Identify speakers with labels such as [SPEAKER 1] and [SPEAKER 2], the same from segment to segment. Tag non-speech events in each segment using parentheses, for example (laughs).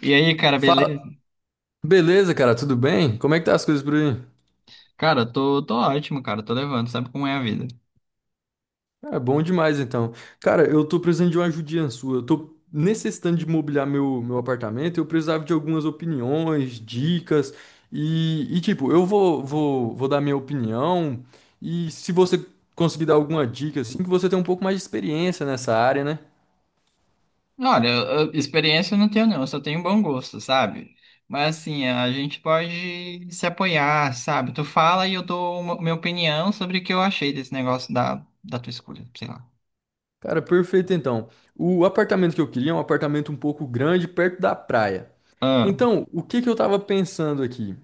[SPEAKER 1] E aí, cara,
[SPEAKER 2] Fala.
[SPEAKER 1] beleza?
[SPEAKER 2] Beleza, cara, tudo bem? Como é que tá as coisas por aí?
[SPEAKER 1] Cara, eu tô ótimo, cara, tô levando, sabe como é a vida.
[SPEAKER 2] É bom demais, então. Cara, eu tô precisando de uma ajudinha sua. Eu tô necessitando de mobiliar meu apartamento. Eu precisava de algumas opiniões, dicas. Eu vou dar minha opinião. E se você conseguir dar alguma dica, assim, que você tem um pouco mais de experiência nessa área, né?
[SPEAKER 1] Olha, experiência eu não tenho não, eu só tenho bom gosto, sabe? Mas assim, a gente pode se apoiar, sabe? Tu fala e eu dou uma, minha opinião sobre o que eu achei desse negócio da tua escolha, sei lá.
[SPEAKER 2] Cara, perfeito, então. O apartamento que eu queria é um apartamento um pouco grande, perto da praia.
[SPEAKER 1] Ah,
[SPEAKER 2] Então, o que que eu tava pensando aqui?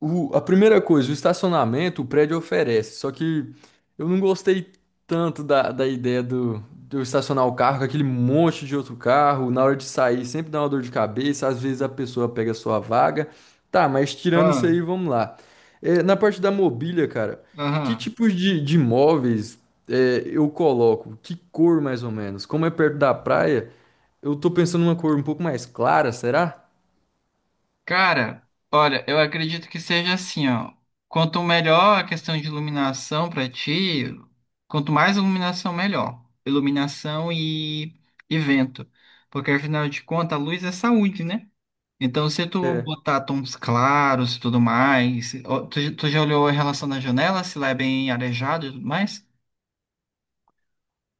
[SPEAKER 2] A primeira coisa, o estacionamento o prédio oferece, só que eu não gostei tanto da ideia do, de eu estacionar o carro com aquele monte de outro carro, na hora de sair sempre dá uma dor de cabeça, às vezes a pessoa pega a sua vaga. Tá, mas tirando isso
[SPEAKER 1] ah,
[SPEAKER 2] aí, vamos lá. Na parte da mobília, cara, que
[SPEAKER 1] aham.
[SPEAKER 2] tipos de móveis eu coloco? Que cor mais ou menos? Como é perto da praia, eu tô pensando numa cor um pouco mais clara, será?
[SPEAKER 1] Cara, olha, eu acredito que seja assim, ó. Quanto melhor a questão de iluminação pra ti, quanto mais iluminação, melhor. Iluminação e vento. Porque afinal de contas, a luz é saúde, né? Então, se tu
[SPEAKER 2] É,
[SPEAKER 1] botar tons claros e tudo mais. Ó, Tu, tu já olhou a relação da janela, se lá é bem arejado e tudo mais?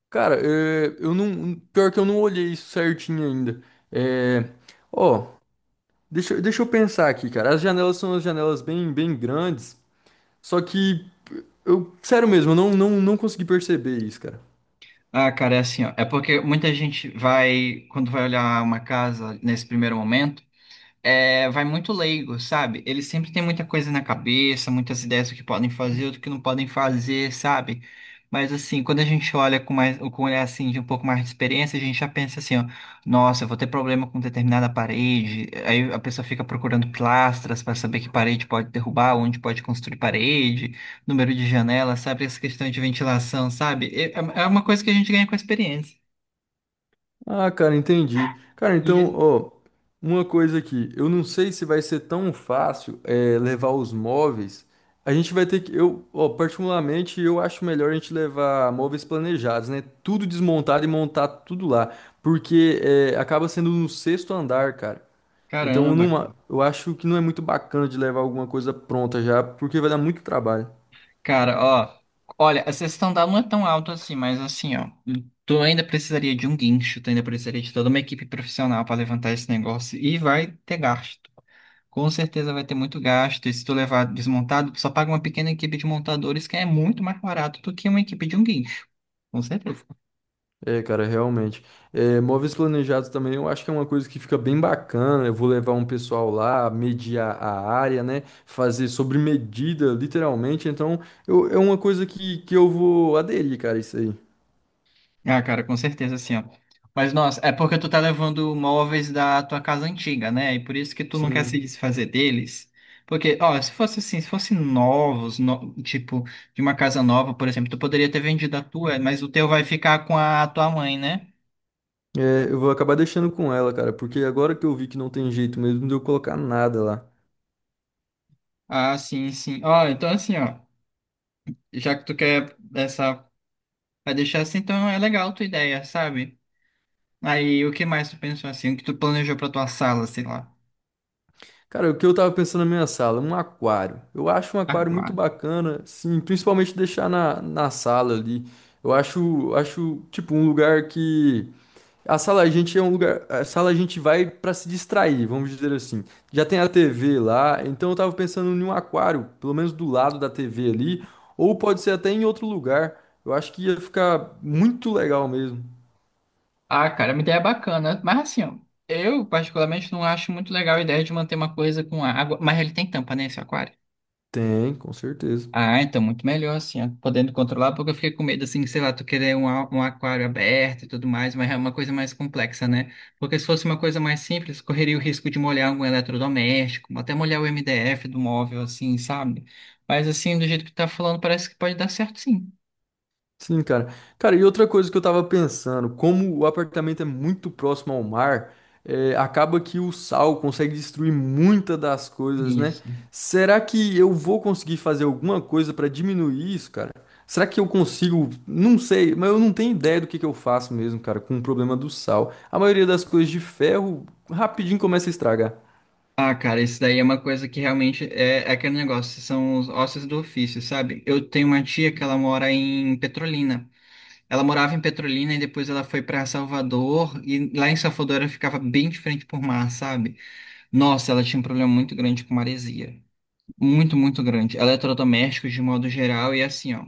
[SPEAKER 2] Cara, eu não. Pior que eu não olhei isso certinho ainda. É, ó, deixa eu pensar aqui, cara. As janelas são as janelas bem grandes. Só que eu, sério mesmo, eu não consegui perceber isso, cara.
[SPEAKER 1] Ah, cara, é assim, ó. É porque muita gente vai, quando vai olhar uma casa nesse primeiro momento. É, vai muito leigo, sabe? Eles sempre têm muita coisa na cabeça, muitas ideias do que podem fazer, do que não podem fazer, sabe? Mas assim, quando a gente olha com mais, com um olhar assim de um pouco mais de experiência, a gente já pensa assim, ó, nossa, eu vou ter problema com determinada parede. Aí a pessoa fica procurando pilastras para saber que parede pode derrubar, onde pode construir parede, número de janelas, sabe? Essa questão de ventilação, sabe? É uma coisa que a gente ganha com a experiência.
[SPEAKER 2] Ah, cara, entendi. Cara, então,
[SPEAKER 1] E
[SPEAKER 2] ó, uma coisa aqui, eu não sei se vai ser tão fácil levar os móveis. A gente vai ter que, eu, ó, particularmente, eu acho melhor a gente levar móveis planejados, né? Tudo desmontado e montar tudo lá, porque acaba sendo no sexto andar, cara. Então,
[SPEAKER 1] caramba,
[SPEAKER 2] numa, eu acho que não é muito bacana de levar alguma coisa pronta já, porque vai dar muito trabalho.
[SPEAKER 1] cara, ó, olha, a sessão da não é tão alta assim, mas assim, ó, tu ainda precisaria de um guincho, tu ainda precisaria de toda uma equipe profissional para levantar esse negócio e vai ter gasto. Com certeza vai ter muito gasto, e se tu levar desmontado, tu só paga uma pequena equipe de montadores que é muito mais barato do que uma equipe de um guincho. Com certeza.
[SPEAKER 2] É, cara, realmente. É, móveis planejados também, eu acho que é uma coisa que fica bem bacana. Eu vou levar um pessoal lá, medir a área, né? Fazer sobre medida, literalmente. Então, é uma coisa que eu vou aderir, cara, isso aí.
[SPEAKER 1] Ah, cara, com certeza, assim, ó. Mas, nossa, é porque tu tá levando móveis da tua casa antiga, né? E por isso que tu não quer se
[SPEAKER 2] Sim.
[SPEAKER 1] desfazer deles. Porque, ó, se fosse assim, se fosse novos, tipo, de uma casa nova, por exemplo, tu poderia ter vendido a tua, mas o teu vai ficar com a tua mãe, né?
[SPEAKER 2] É, eu vou acabar deixando com ela, cara, porque agora que eu vi que não tem jeito mesmo de eu colocar nada lá.
[SPEAKER 1] Ah, sim, sim. Ó, então assim, ó, já que tu quer essa, vai deixar assim, então é legal a tua ideia, sabe? Aí, o que mais tu pensou assim? O que tu planejou pra tua sala, sei lá?
[SPEAKER 2] Cara, o que eu tava pensando na minha sala? Um aquário. Eu acho um aquário muito bacana, sim, principalmente deixar na sala ali. Eu tipo, um lugar que. A sala a gente é um lugar, a sala a gente vai pra se distrair, vamos dizer assim. Já tem a TV lá, então eu tava pensando em um aquário, pelo menos do lado da TV ali, ou pode ser até em outro lugar. Eu acho que ia ficar muito legal mesmo.
[SPEAKER 1] Ah, cara, é uma ideia bacana. Mas assim, ó, eu particularmente não acho muito legal a ideia de manter uma coisa com água. Mas ele tem tampa, né, esse aquário?
[SPEAKER 2] Tem, com certeza.
[SPEAKER 1] Ah, então muito melhor assim, ó, podendo controlar, porque eu fiquei com medo, assim, sei lá, tu querer um aquário aberto e tudo mais, mas é uma coisa mais complexa, né? Porque se fosse uma coisa mais simples, correria o risco de molhar algum eletrodoméstico, até molhar o MDF do móvel, assim, sabe? Mas assim, do jeito que tu tá falando, parece que pode dar certo sim.
[SPEAKER 2] Sim, cara. Cara, e outra coisa que eu tava pensando, como o apartamento é muito próximo ao mar, acaba que o sal consegue destruir muitas das coisas, né?
[SPEAKER 1] Isso.
[SPEAKER 2] Será que eu vou conseguir fazer alguma coisa pra diminuir isso, cara? Será que eu consigo? Não sei, mas eu não tenho ideia do que eu faço mesmo, cara, com o problema do sal. A maioria das coisas de ferro rapidinho começa a estragar.
[SPEAKER 1] Ah, cara, isso daí é uma coisa que realmente é, é aquele negócio, são os ossos do ofício, sabe? Eu tenho uma tia que ela mora em Petrolina. Ela morava em Petrolina e depois ela foi pra Salvador e lá em Salvador ela ficava bem de frente por mar, sabe? Nossa, ela tinha um problema muito grande com maresia. Muito, muito grande. Ela é eletrodoméstico de modo geral e assim, ó.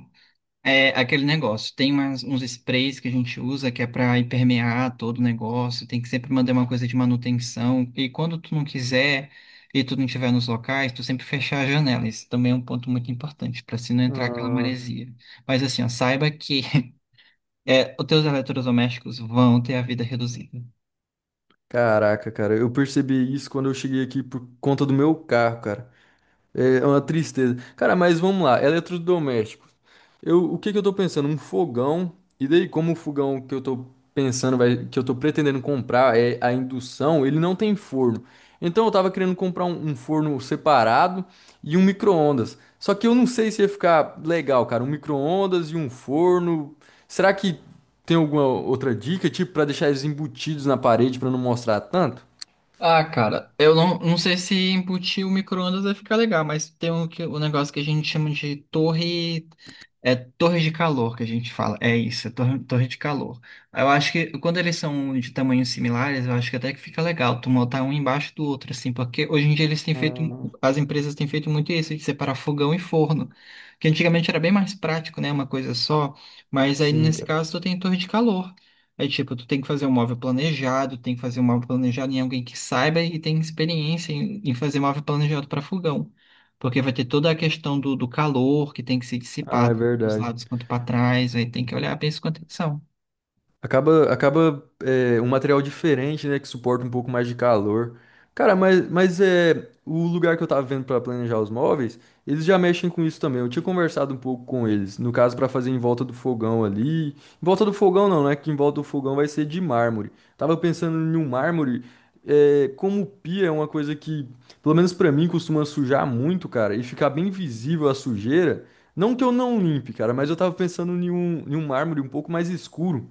[SPEAKER 1] É aquele negócio. Tem uns sprays que a gente usa que é para impermear todo o negócio. Tem que sempre mandar uma coisa de manutenção. E quando tu não quiser e tu não estiver nos locais, tu sempre fechar as janelas. Isso também é um ponto muito importante para se não entrar aquela
[SPEAKER 2] Ah,
[SPEAKER 1] maresia. Mas assim, ó, saiba que (laughs) é, os teus eletrodomésticos vão ter a vida reduzida.
[SPEAKER 2] caraca, cara, eu percebi isso quando eu cheguei aqui por conta do meu carro, cara. É é uma tristeza. Cara, mas vamos lá, eletrodomésticos. Eu, o que que eu tô pensando? Um fogão. E daí, como o fogão que eu tô pensando, vai, que eu tô pretendendo comprar é a indução, ele não tem forno. Então eu tava querendo comprar um forno separado e um micro-ondas. Só que eu não sei se ia ficar legal, cara. Um micro-ondas e um forno. Será que tem alguma outra dica, tipo, pra deixar eles embutidos na parede pra não mostrar tanto?
[SPEAKER 1] Ah, cara, eu não sei se embutir o micro-ondas vai ficar legal, mas tem um, um negócio que a gente chama de torre. É torre de calor que a gente fala. É isso, é torre de calor. Eu acho que quando eles são de tamanhos similares, eu acho que até que fica legal tu montar um embaixo do outro, assim, porque hoje em dia eles têm feito,
[SPEAKER 2] Ah,
[SPEAKER 1] as empresas têm feito muito isso, de separar fogão e forno, que antigamente era bem mais prático, né, uma coisa só, mas aí
[SPEAKER 2] sim,
[SPEAKER 1] nesse
[SPEAKER 2] cara.
[SPEAKER 1] caso tu tem torre de calor. É tipo, tu tem que fazer um móvel planejado, tem que fazer um móvel planejado em alguém que saiba e tenha experiência em fazer móvel planejado para fogão. Porque vai ter toda a questão do calor que tem que se
[SPEAKER 2] Ah,
[SPEAKER 1] dissipar
[SPEAKER 2] é
[SPEAKER 1] tanto dos
[SPEAKER 2] verdade.
[SPEAKER 1] lados quanto para trás, aí tem que olhar bem isso com atenção.
[SPEAKER 2] Acaba um material diferente, né, que suporta um pouco mais de calor. Cara, mas é, o lugar que eu tava vendo para planejar os móveis, eles já mexem com isso também. Eu tinha conversado um pouco com eles, no caso para fazer em volta do fogão ali. Em volta do fogão não, né, que em volta do fogão vai ser de mármore. Tava pensando em um mármore, é, como pia é uma coisa que, pelo menos para mim, costuma sujar muito, cara, e ficar bem visível a sujeira. Não que eu não limpe, cara, mas eu tava pensando em um mármore um pouco mais escuro.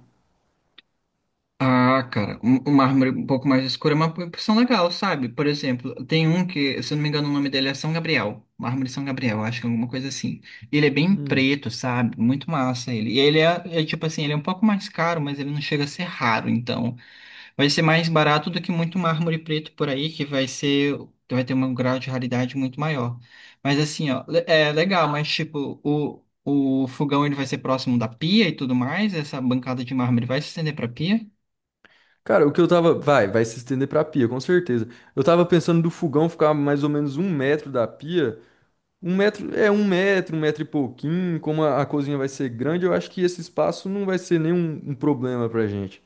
[SPEAKER 1] Ah, cara, um mármore um pouco mais escuro é uma opção legal, sabe? Por exemplo, tem um que, se eu não me engano, o nome dele é São Gabriel. Mármore São Gabriel, acho que é alguma coisa assim. Ele é bem
[SPEAKER 2] Hum.
[SPEAKER 1] preto, sabe? Muito massa ele. E ele é tipo assim, ele é um pouco mais caro, mas ele não chega a ser raro, então. Vai ser mais barato do que muito mármore preto por aí, que vai ser, vai ter um grau de raridade muito maior. Mas assim, ó, é legal, mas tipo, o fogão ele vai ser próximo da pia e tudo mais, essa bancada de mármore vai se estender para pia?
[SPEAKER 2] Cara, o que eu tava. Vai se estender pra pia, com certeza. Eu tava pensando do fogão ficar mais ou menos um metro da pia. Um metro, é um metro e pouquinho. Como a cozinha vai ser grande, eu acho que esse espaço não vai ser nenhum um problema pra gente.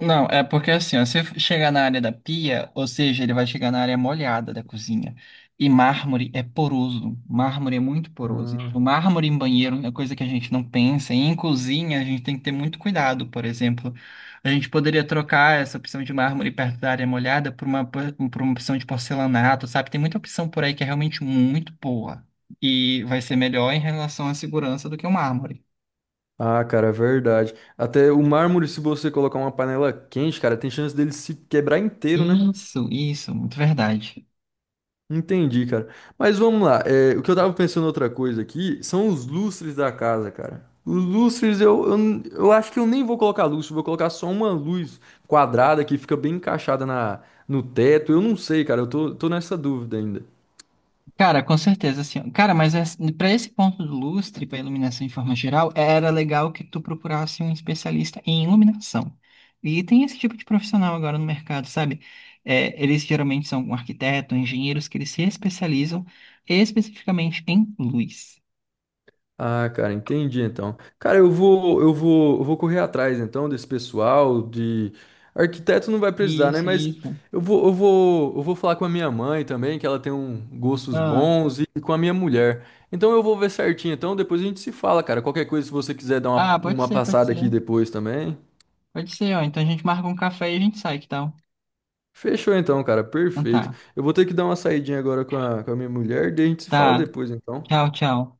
[SPEAKER 1] Não, é porque assim, ó, se chegar na área da pia, ou seja, ele vai chegar na área molhada da cozinha. E mármore é poroso. Mármore é muito poroso.
[SPEAKER 2] Ah,
[SPEAKER 1] O mármore em banheiro é coisa que a gente não pensa. E em cozinha, a gente tem que ter muito cuidado, por exemplo. A gente poderia trocar essa opção de mármore perto da área molhada por uma, por uma opção de porcelanato, sabe? Tem muita opção por aí que é realmente muito boa. E vai ser melhor em relação à segurança do que o mármore.
[SPEAKER 2] Ah, cara, é verdade. Até o mármore, se você colocar uma panela quente, cara, tem chance dele se quebrar inteiro, né?
[SPEAKER 1] Isso, muito verdade.
[SPEAKER 2] Entendi, cara. Mas vamos lá. É, o que eu tava pensando outra coisa aqui são os lustres da casa, cara. Os lustres, eu acho que eu nem vou colocar lustre, eu vou colocar só uma luz quadrada que fica bem encaixada no teto. Eu não sei, cara. Eu tô nessa dúvida ainda.
[SPEAKER 1] Cara, com certeza, assim. Cara, mas para esse ponto do lustre, para iluminação de forma geral, era legal que tu procurasse um especialista em iluminação. E tem esse tipo de profissional agora no mercado, sabe? É, eles geralmente são arquitetos, engenheiros que eles se especializam especificamente em luz.
[SPEAKER 2] Ah, cara, entendi então. Cara, eu vou correr atrás então desse pessoal de arquiteto não vai precisar, né?
[SPEAKER 1] Isso,
[SPEAKER 2] Mas
[SPEAKER 1] isso.
[SPEAKER 2] eu vou falar com a minha mãe também, que ela tem um gostos
[SPEAKER 1] Ah,
[SPEAKER 2] bons e com a minha mulher. Então eu vou ver certinho. Então depois a gente se fala, cara. Qualquer coisa, se você quiser dar
[SPEAKER 1] ah, pode
[SPEAKER 2] uma
[SPEAKER 1] ser, pode
[SPEAKER 2] passada
[SPEAKER 1] ser.
[SPEAKER 2] aqui depois também.
[SPEAKER 1] Pode ser, ó. Então a gente marca um café e a gente sai, que tal?
[SPEAKER 2] Fechou então, cara.
[SPEAKER 1] Então
[SPEAKER 2] Perfeito.
[SPEAKER 1] tá.
[SPEAKER 2] Eu vou ter que dar uma saidinha agora com com a minha mulher, daí a gente se fala
[SPEAKER 1] Tá.
[SPEAKER 2] depois então.
[SPEAKER 1] Tchau, tchau.